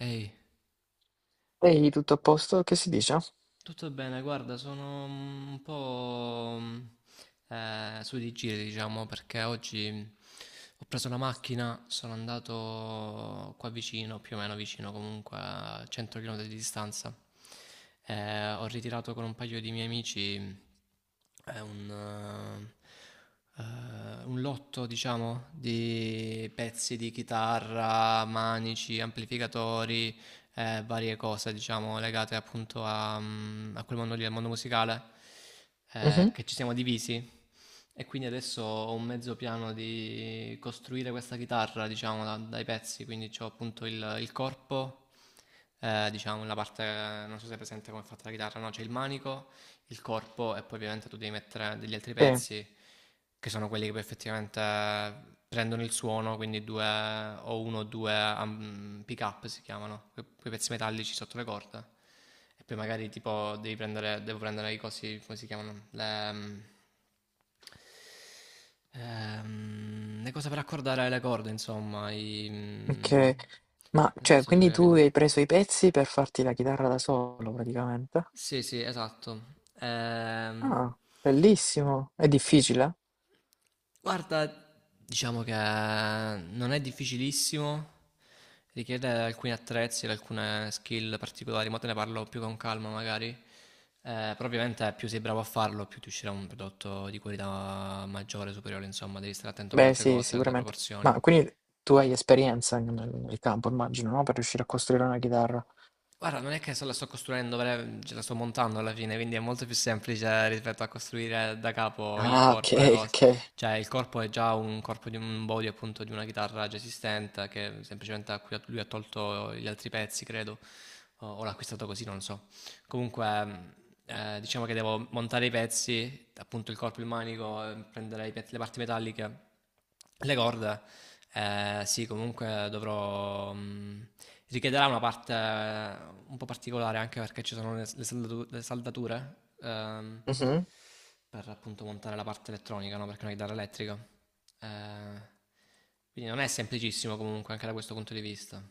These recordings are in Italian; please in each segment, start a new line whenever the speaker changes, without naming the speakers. Ehi,
Ehi, tutto a posto? Che si dice?
tutto bene, guarda, sono un po' su di giri, diciamo, perché oggi ho preso la macchina, sono andato qua vicino, più o meno vicino, comunque a 100 km di distanza. Ho ritirato con un paio di miei amici eh, un, un lotto, diciamo, di pezzi di chitarra, manici, amplificatori, varie cose, diciamo, legate appunto a quel mondo lì, al mondo musicale,
Mhm.
che ci siamo divisi. E quindi adesso ho un mezzo piano di costruire questa chitarra, diciamo, dai pezzi. Quindi ho appunto il corpo, diciamo la parte, non so se è presente come è fatta la chitarra, no? C'è il manico, il corpo e poi ovviamente tu devi mettere degli altri
Sì,
pezzi che sono quelli che poi effettivamente prendono il suono, quindi due o uno o due pick up si chiamano, quei pezzi metallici sotto le corde. E poi magari tipo devi prendere, devo prendere i cosi, come si chiamano? Le cose per accordare le corde, insomma,
ok. Ma, cioè,
penso che tu
quindi
abbia
tu hai
capito.
preso i pezzi per farti la chitarra da solo, praticamente?
Sì, sì, esatto. Ehm,
Ah, bellissimo. È difficile?
Guarda, diciamo che non è difficilissimo, richiede alcuni attrezzi, alcune skill particolari, ma te ne parlo più con calma magari. Però ovviamente più sei bravo a farlo, più ti uscirà un prodotto di qualità maggiore, superiore, insomma, devi stare attento a
Beh,
molte
sì,
cose, alle
sicuramente.
proporzioni.
Ma quindi tu hai esperienza nel campo, immagino, no? Per riuscire a costruire una chitarra.
Guarda, non è che se la sto costruendo, ce la sto montando alla fine, quindi è molto più semplice rispetto a costruire da capo il
Ah, ok,
corpo, le cose.
ok.
Cioè, il corpo è già un corpo di un body, appunto, di una chitarra già esistente, che semplicemente a cui lui ha tolto gli altri pezzi, credo, o l'ha acquistato così, non so. Comunque, diciamo che devo montare i pezzi, appunto il corpo, il manico, prendere i le parti metalliche, le corde. Eh, sì, comunque dovrò... mh, Richiederà una parte, un po' particolare anche perché ci sono le saldature, ehm,
Mhm.
per appunto montare la parte elettronica, no? Perché è una chitarra elettrica. Eh, quindi non è semplicissimo comunque anche da questo punto di vista.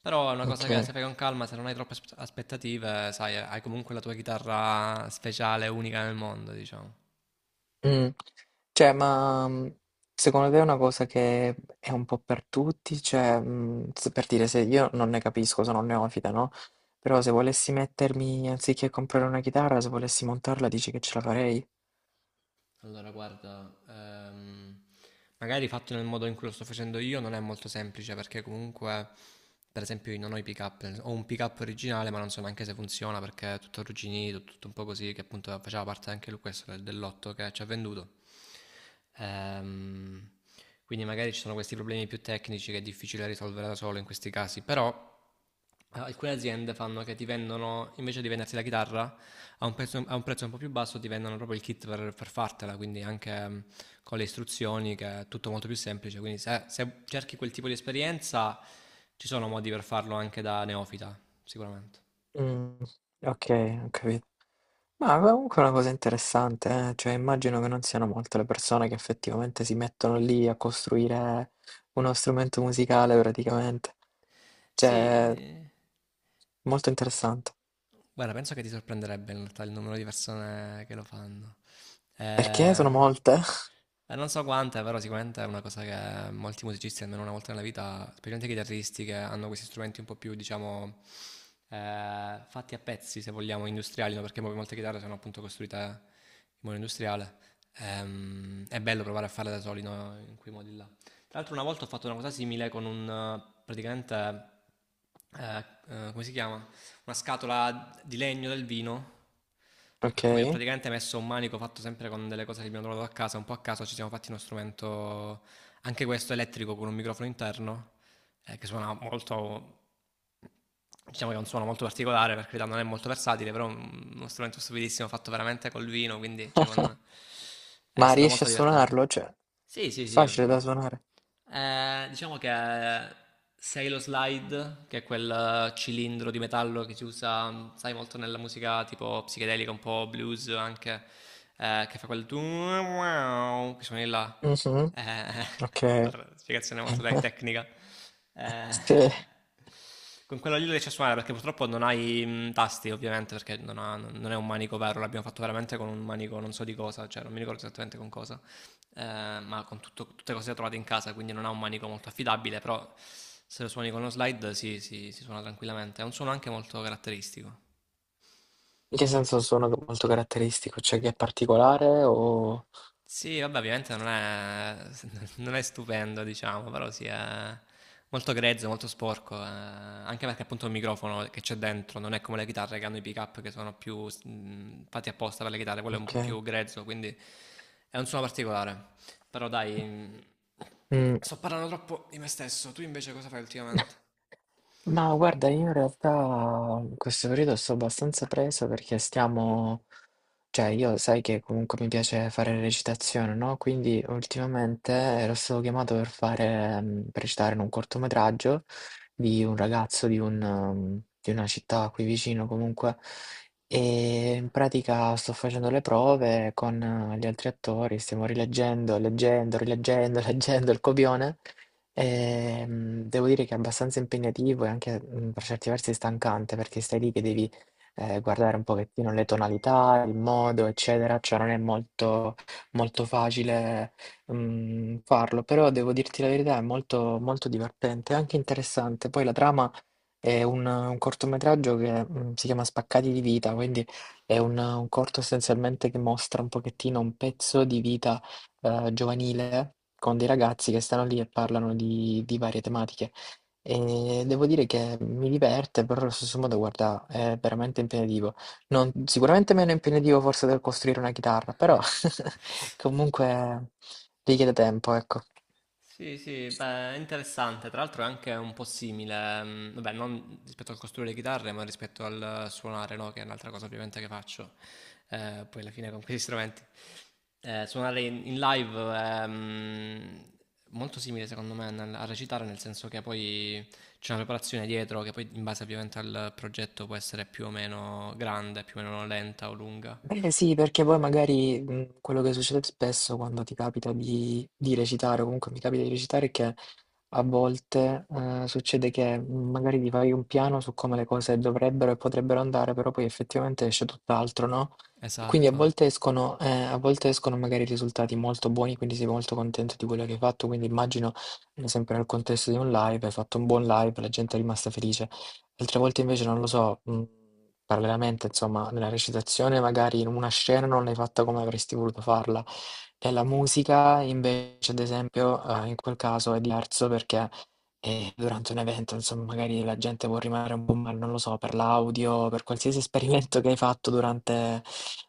Però è una
Ok.
cosa che se fai con calma, se non hai troppe aspettative, sai, hai comunque la tua chitarra speciale, unica nel mondo, diciamo.
Mm. Cioè, ma secondo te è una cosa che è un po' per tutti? Cioè, per dire, se io non ne capisco, sono un neofita, no? Però se volessi mettermi, anziché comprare una chitarra, se volessi montarla, dici che ce la farei?
Allora, guarda, magari fatto nel modo in cui lo sto facendo io non è molto semplice perché comunque, per esempio, io non ho i pick-up, ho un pick-up originale ma non so neanche se funziona perché è tutto arrugginito, tutto un po' così, che appunto faceva parte anche lui questo dell'otto che ci ha venduto. Ehm, quindi magari ci sono questi problemi più tecnici che è difficile risolvere da solo in questi casi, però, alcune aziende fanno che ti vendono, invece di venderti la chitarra, a un prezzo un po' più basso ti vendono proprio il kit per fartela, quindi anche, con le istruzioni, che è tutto molto più semplice, quindi se, se cerchi quel tipo di esperienza ci sono modi per farlo anche da neofita, sicuramente.
Mm, ok, ho capito. Ma comunque è una cosa interessante, eh? Cioè immagino che non siano molte le persone che effettivamente si mettono lì a costruire uno strumento musicale praticamente. Cioè,
Sì.
molto interessante.
Guarda, penso che ti sorprenderebbe in realtà il numero di persone che lo fanno.
Perché
Eh,
sono molte?
non so quante, però sicuramente è una cosa che molti musicisti, almeno una volta nella vita, specialmente i chitarristi che hanno questi strumenti un po' più, diciamo, fatti a pezzi, se vogliamo, industriali, no? Perché molte chitarre sono appunto costruite in modo industriale. È bello provare a farle da soli, no? In quei modi là. Tra l'altro una volta ho fatto una cosa simile con un, praticamente, eh, come si chiama? Una scatola di legno del vino a
Ok.
cui ho praticamente messo un manico fatto sempre con delle cose che abbiamo trovato a casa, un po' a caso ci siamo fatti uno strumento anche questo elettrico con un microfono interno, che suona molto, diciamo che è un suono molto particolare, per carità non è molto versatile, però è uno strumento stupidissimo fatto veramente col vino, quindi cioè, è
Ma
stato
riesci
molto
a
divertente.
suonarlo? Cioè,
Sì, sì,
è
sì.
facile
Mm.
da suonare.
Diciamo che sei lo slide, che è quel, cilindro di metallo che si usa, sai, molto nella musica tipo psichedelica, un po' blues anche, che fa quel tu wow, che suoni là.
Mhm.
Eh,
Ok.
L'altra spiegazione molto tecnica. Eh,
Sì.
con quello lì lo riesci a suonare perché purtroppo non hai, tasti, ovviamente, perché non è un manico vero, l'abbiamo fatto veramente con un manico non so di cosa, cioè non mi ricordo esattamente con cosa, ma con tutto, tutte cose trovate in casa, quindi non ha un manico molto affidabile, però se lo suoni con lo slide si suona tranquillamente. È un suono anche molto caratteristico.
In che senso un suono molto caratteristico? Cioè che è particolare o...
Sì, vabbè, ovviamente non è, non è stupendo, diciamo, però sì, è molto grezzo, molto sporco, anche perché appunto il microfono che c'è dentro non è come le chitarre che hanno i pick-up, che sono più, fatti apposta per le chitarre, quello è un po'
Ok.
più grezzo, quindi è un suono particolare. Però dai,
Mm.
sto parlando troppo di me stesso, tu invece cosa fai ultimamente?
Ma guarda, io in realtà in questo periodo sto abbastanza preso perché stiamo, cioè io sai che comunque mi piace fare recitazione, no? Quindi ultimamente ero stato chiamato per recitare in un cortometraggio di un ragazzo di una città qui vicino comunque e in pratica sto facendo le prove con gli altri attori, stiamo rileggendo, leggendo, rileggendo, leggendo il copione. Devo dire che è abbastanza impegnativo e anche, per certi versi stancante, perché stai lì che devi, guardare un pochettino le tonalità, il modo, eccetera, cioè non è molto molto facile, farlo, però devo dirti la verità è molto molto divertente, anche interessante. Poi la trama è un cortometraggio che si chiama Spaccati di vita, quindi è un corto essenzialmente che mostra un pochettino un pezzo di vita giovanile con dei ragazzi che stanno lì e parlano di varie tematiche. E devo dire che mi diverte, però allo stesso modo, guarda, è veramente impegnativo. Sicuramente meno impegnativo forse del costruire una chitarra, però comunque richiede tempo, ecco.
Sì, sì, beh, è interessante. Tra l'altro è anche un po' simile, vabbè, non rispetto al costruire le chitarre, ma rispetto al suonare, no? Che è un'altra cosa ovviamente che faccio. Poi alla fine con questi strumenti. Suonare in live è, molto simile secondo me a recitare, nel senso che poi c'è una preparazione dietro che poi in base ovviamente al progetto può essere più o meno grande, più o meno lenta o lunga.
Eh sì, perché poi magari quello che succede spesso quando ti capita di recitare, o comunque mi capita di recitare, è che a volte succede che magari ti fai un piano su come le cose dovrebbero e potrebbero andare, però poi effettivamente esce tutt'altro, no? E quindi a
Esatto.
volte escono, eh, a volte escono magari risultati molto buoni, quindi sei molto contento di quello che hai fatto, quindi immagino, sempre nel contesto di un live, hai fatto un buon live, la gente è rimasta felice. Altre volte invece non lo so, parallelamente insomma nella recitazione magari in una scena non l'hai fatta come avresti voluto farla. Nella musica invece ad esempio, in quel caso è diverso perché, durante un evento insomma magari la gente può rimanere un po' male, non lo so, per l'audio, per qualsiasi esperimento che hai fatto durante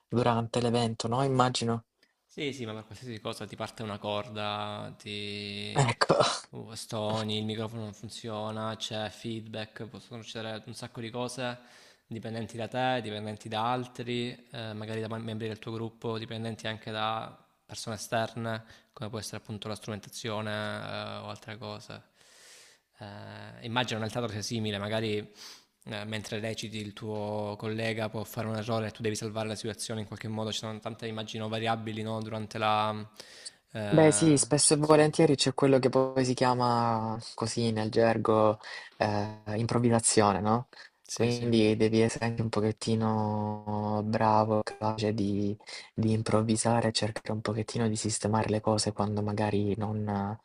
durante l'evento, no, immagino.
Sì, sì, ma per qualsiasi cosa ti parte una corda, ti,
Ecco.
stoni, il microfono non funziona, c'è feedback, possono succedere un sacco di cose dipendenti da te, dipendenti da altri, magari da membri del tuo gruppo, dipendenti anche da persone esterne, come può essere appunto la strumentazione, o altre cose. Immagino nel teatro sia simile, magari, mentre reciti il tuo collega può fare un errore e tu devi salvare la situazione in qualche modo, ci sono tante immagino variabili, no, durante la,
Beh sì, spesso e
recitazione.
volentieri c'è quello che poi si chiama così nel gergo improvvisazione, no?
Sì, sì.
Quindi devi essere anche un pochettino bravo, capace di improvvisare, cercare un pochettino di sistemare le cose quando magari non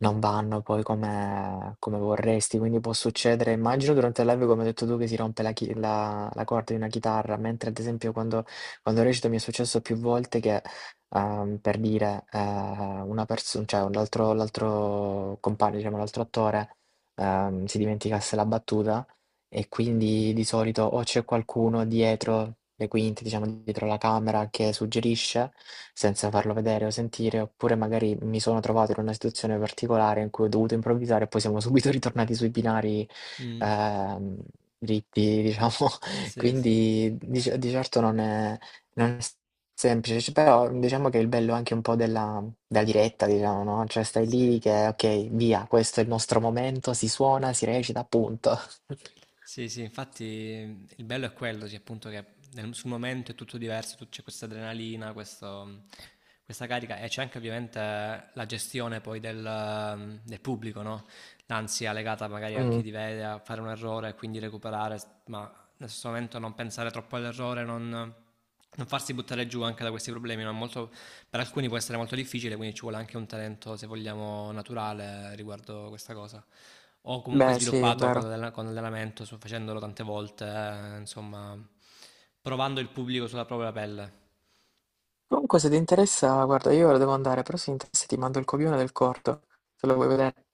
non vanno poi come vorresti, quindi può succedere immagino durante il live come hai detto tu che si rompe la corda di una chitarra, mentre ad esempio quando recito mi è successo più volte che, per dire, una perso cioè un l'altro l'altro compagno, diciamo l'altro attore, si dimenticasse la battuta e quindi di solito o c'è qualcuno dietro le quinte, diciamo dietro la camera che suggerisce senza farlo vedere o sentire, oppure magari mi sono trovato in una situazione particolare in cui ho dovuto improvvisare e poi siamo subito ritornati sui binari,
Mm.
ehm, dritti, diciamo.
Sì, sì,
Quindi di certo non è semplice, cioè, però diciamo che il bello è anche un po' della diretta, diciamo, no? Cioè stai
sì.
lì che ok, via, questo è il nostro momento, si suona, si recita, punto.
Sì, sì, infatti il bello è quello, sì, appunto che sul momento è tutto diverso, c'è questa adrenalina, questa carica e c'è anche ovviamente la gestione poi del, del pubblico, no? L'ansia legata magari a chi
Mm.
ti vede, a fare un errore e quindi recuperare, ma nel stesso momento non pensare troppo all'errore, non farsi buttare giù anche da questi problemi, no? Per alcuni può essere molto difficile, quindi ci vuole anche un talento, se vogliamo, naturale riguardo questa cosa. Ho comunque
Beh, sì, è
sviluppato con
vero.
l'allenamento, facendolo tante volte, insomma, provando il pubblico sulla propria pelle.
Comunque, se ti interessa, guarda, io ora devo andare, però se ti interessa ti mando il copione del corto, se lo vuoi vedere.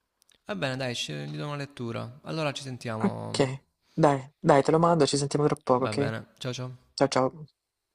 Va bene, dai, gli do una lettura. Allora ci
Ok,
sentiamo.
dai, dai, te lo mando, ci sentiamo tra poco,
Va
ok?
bene, ciao ciao.
Ciao ciao.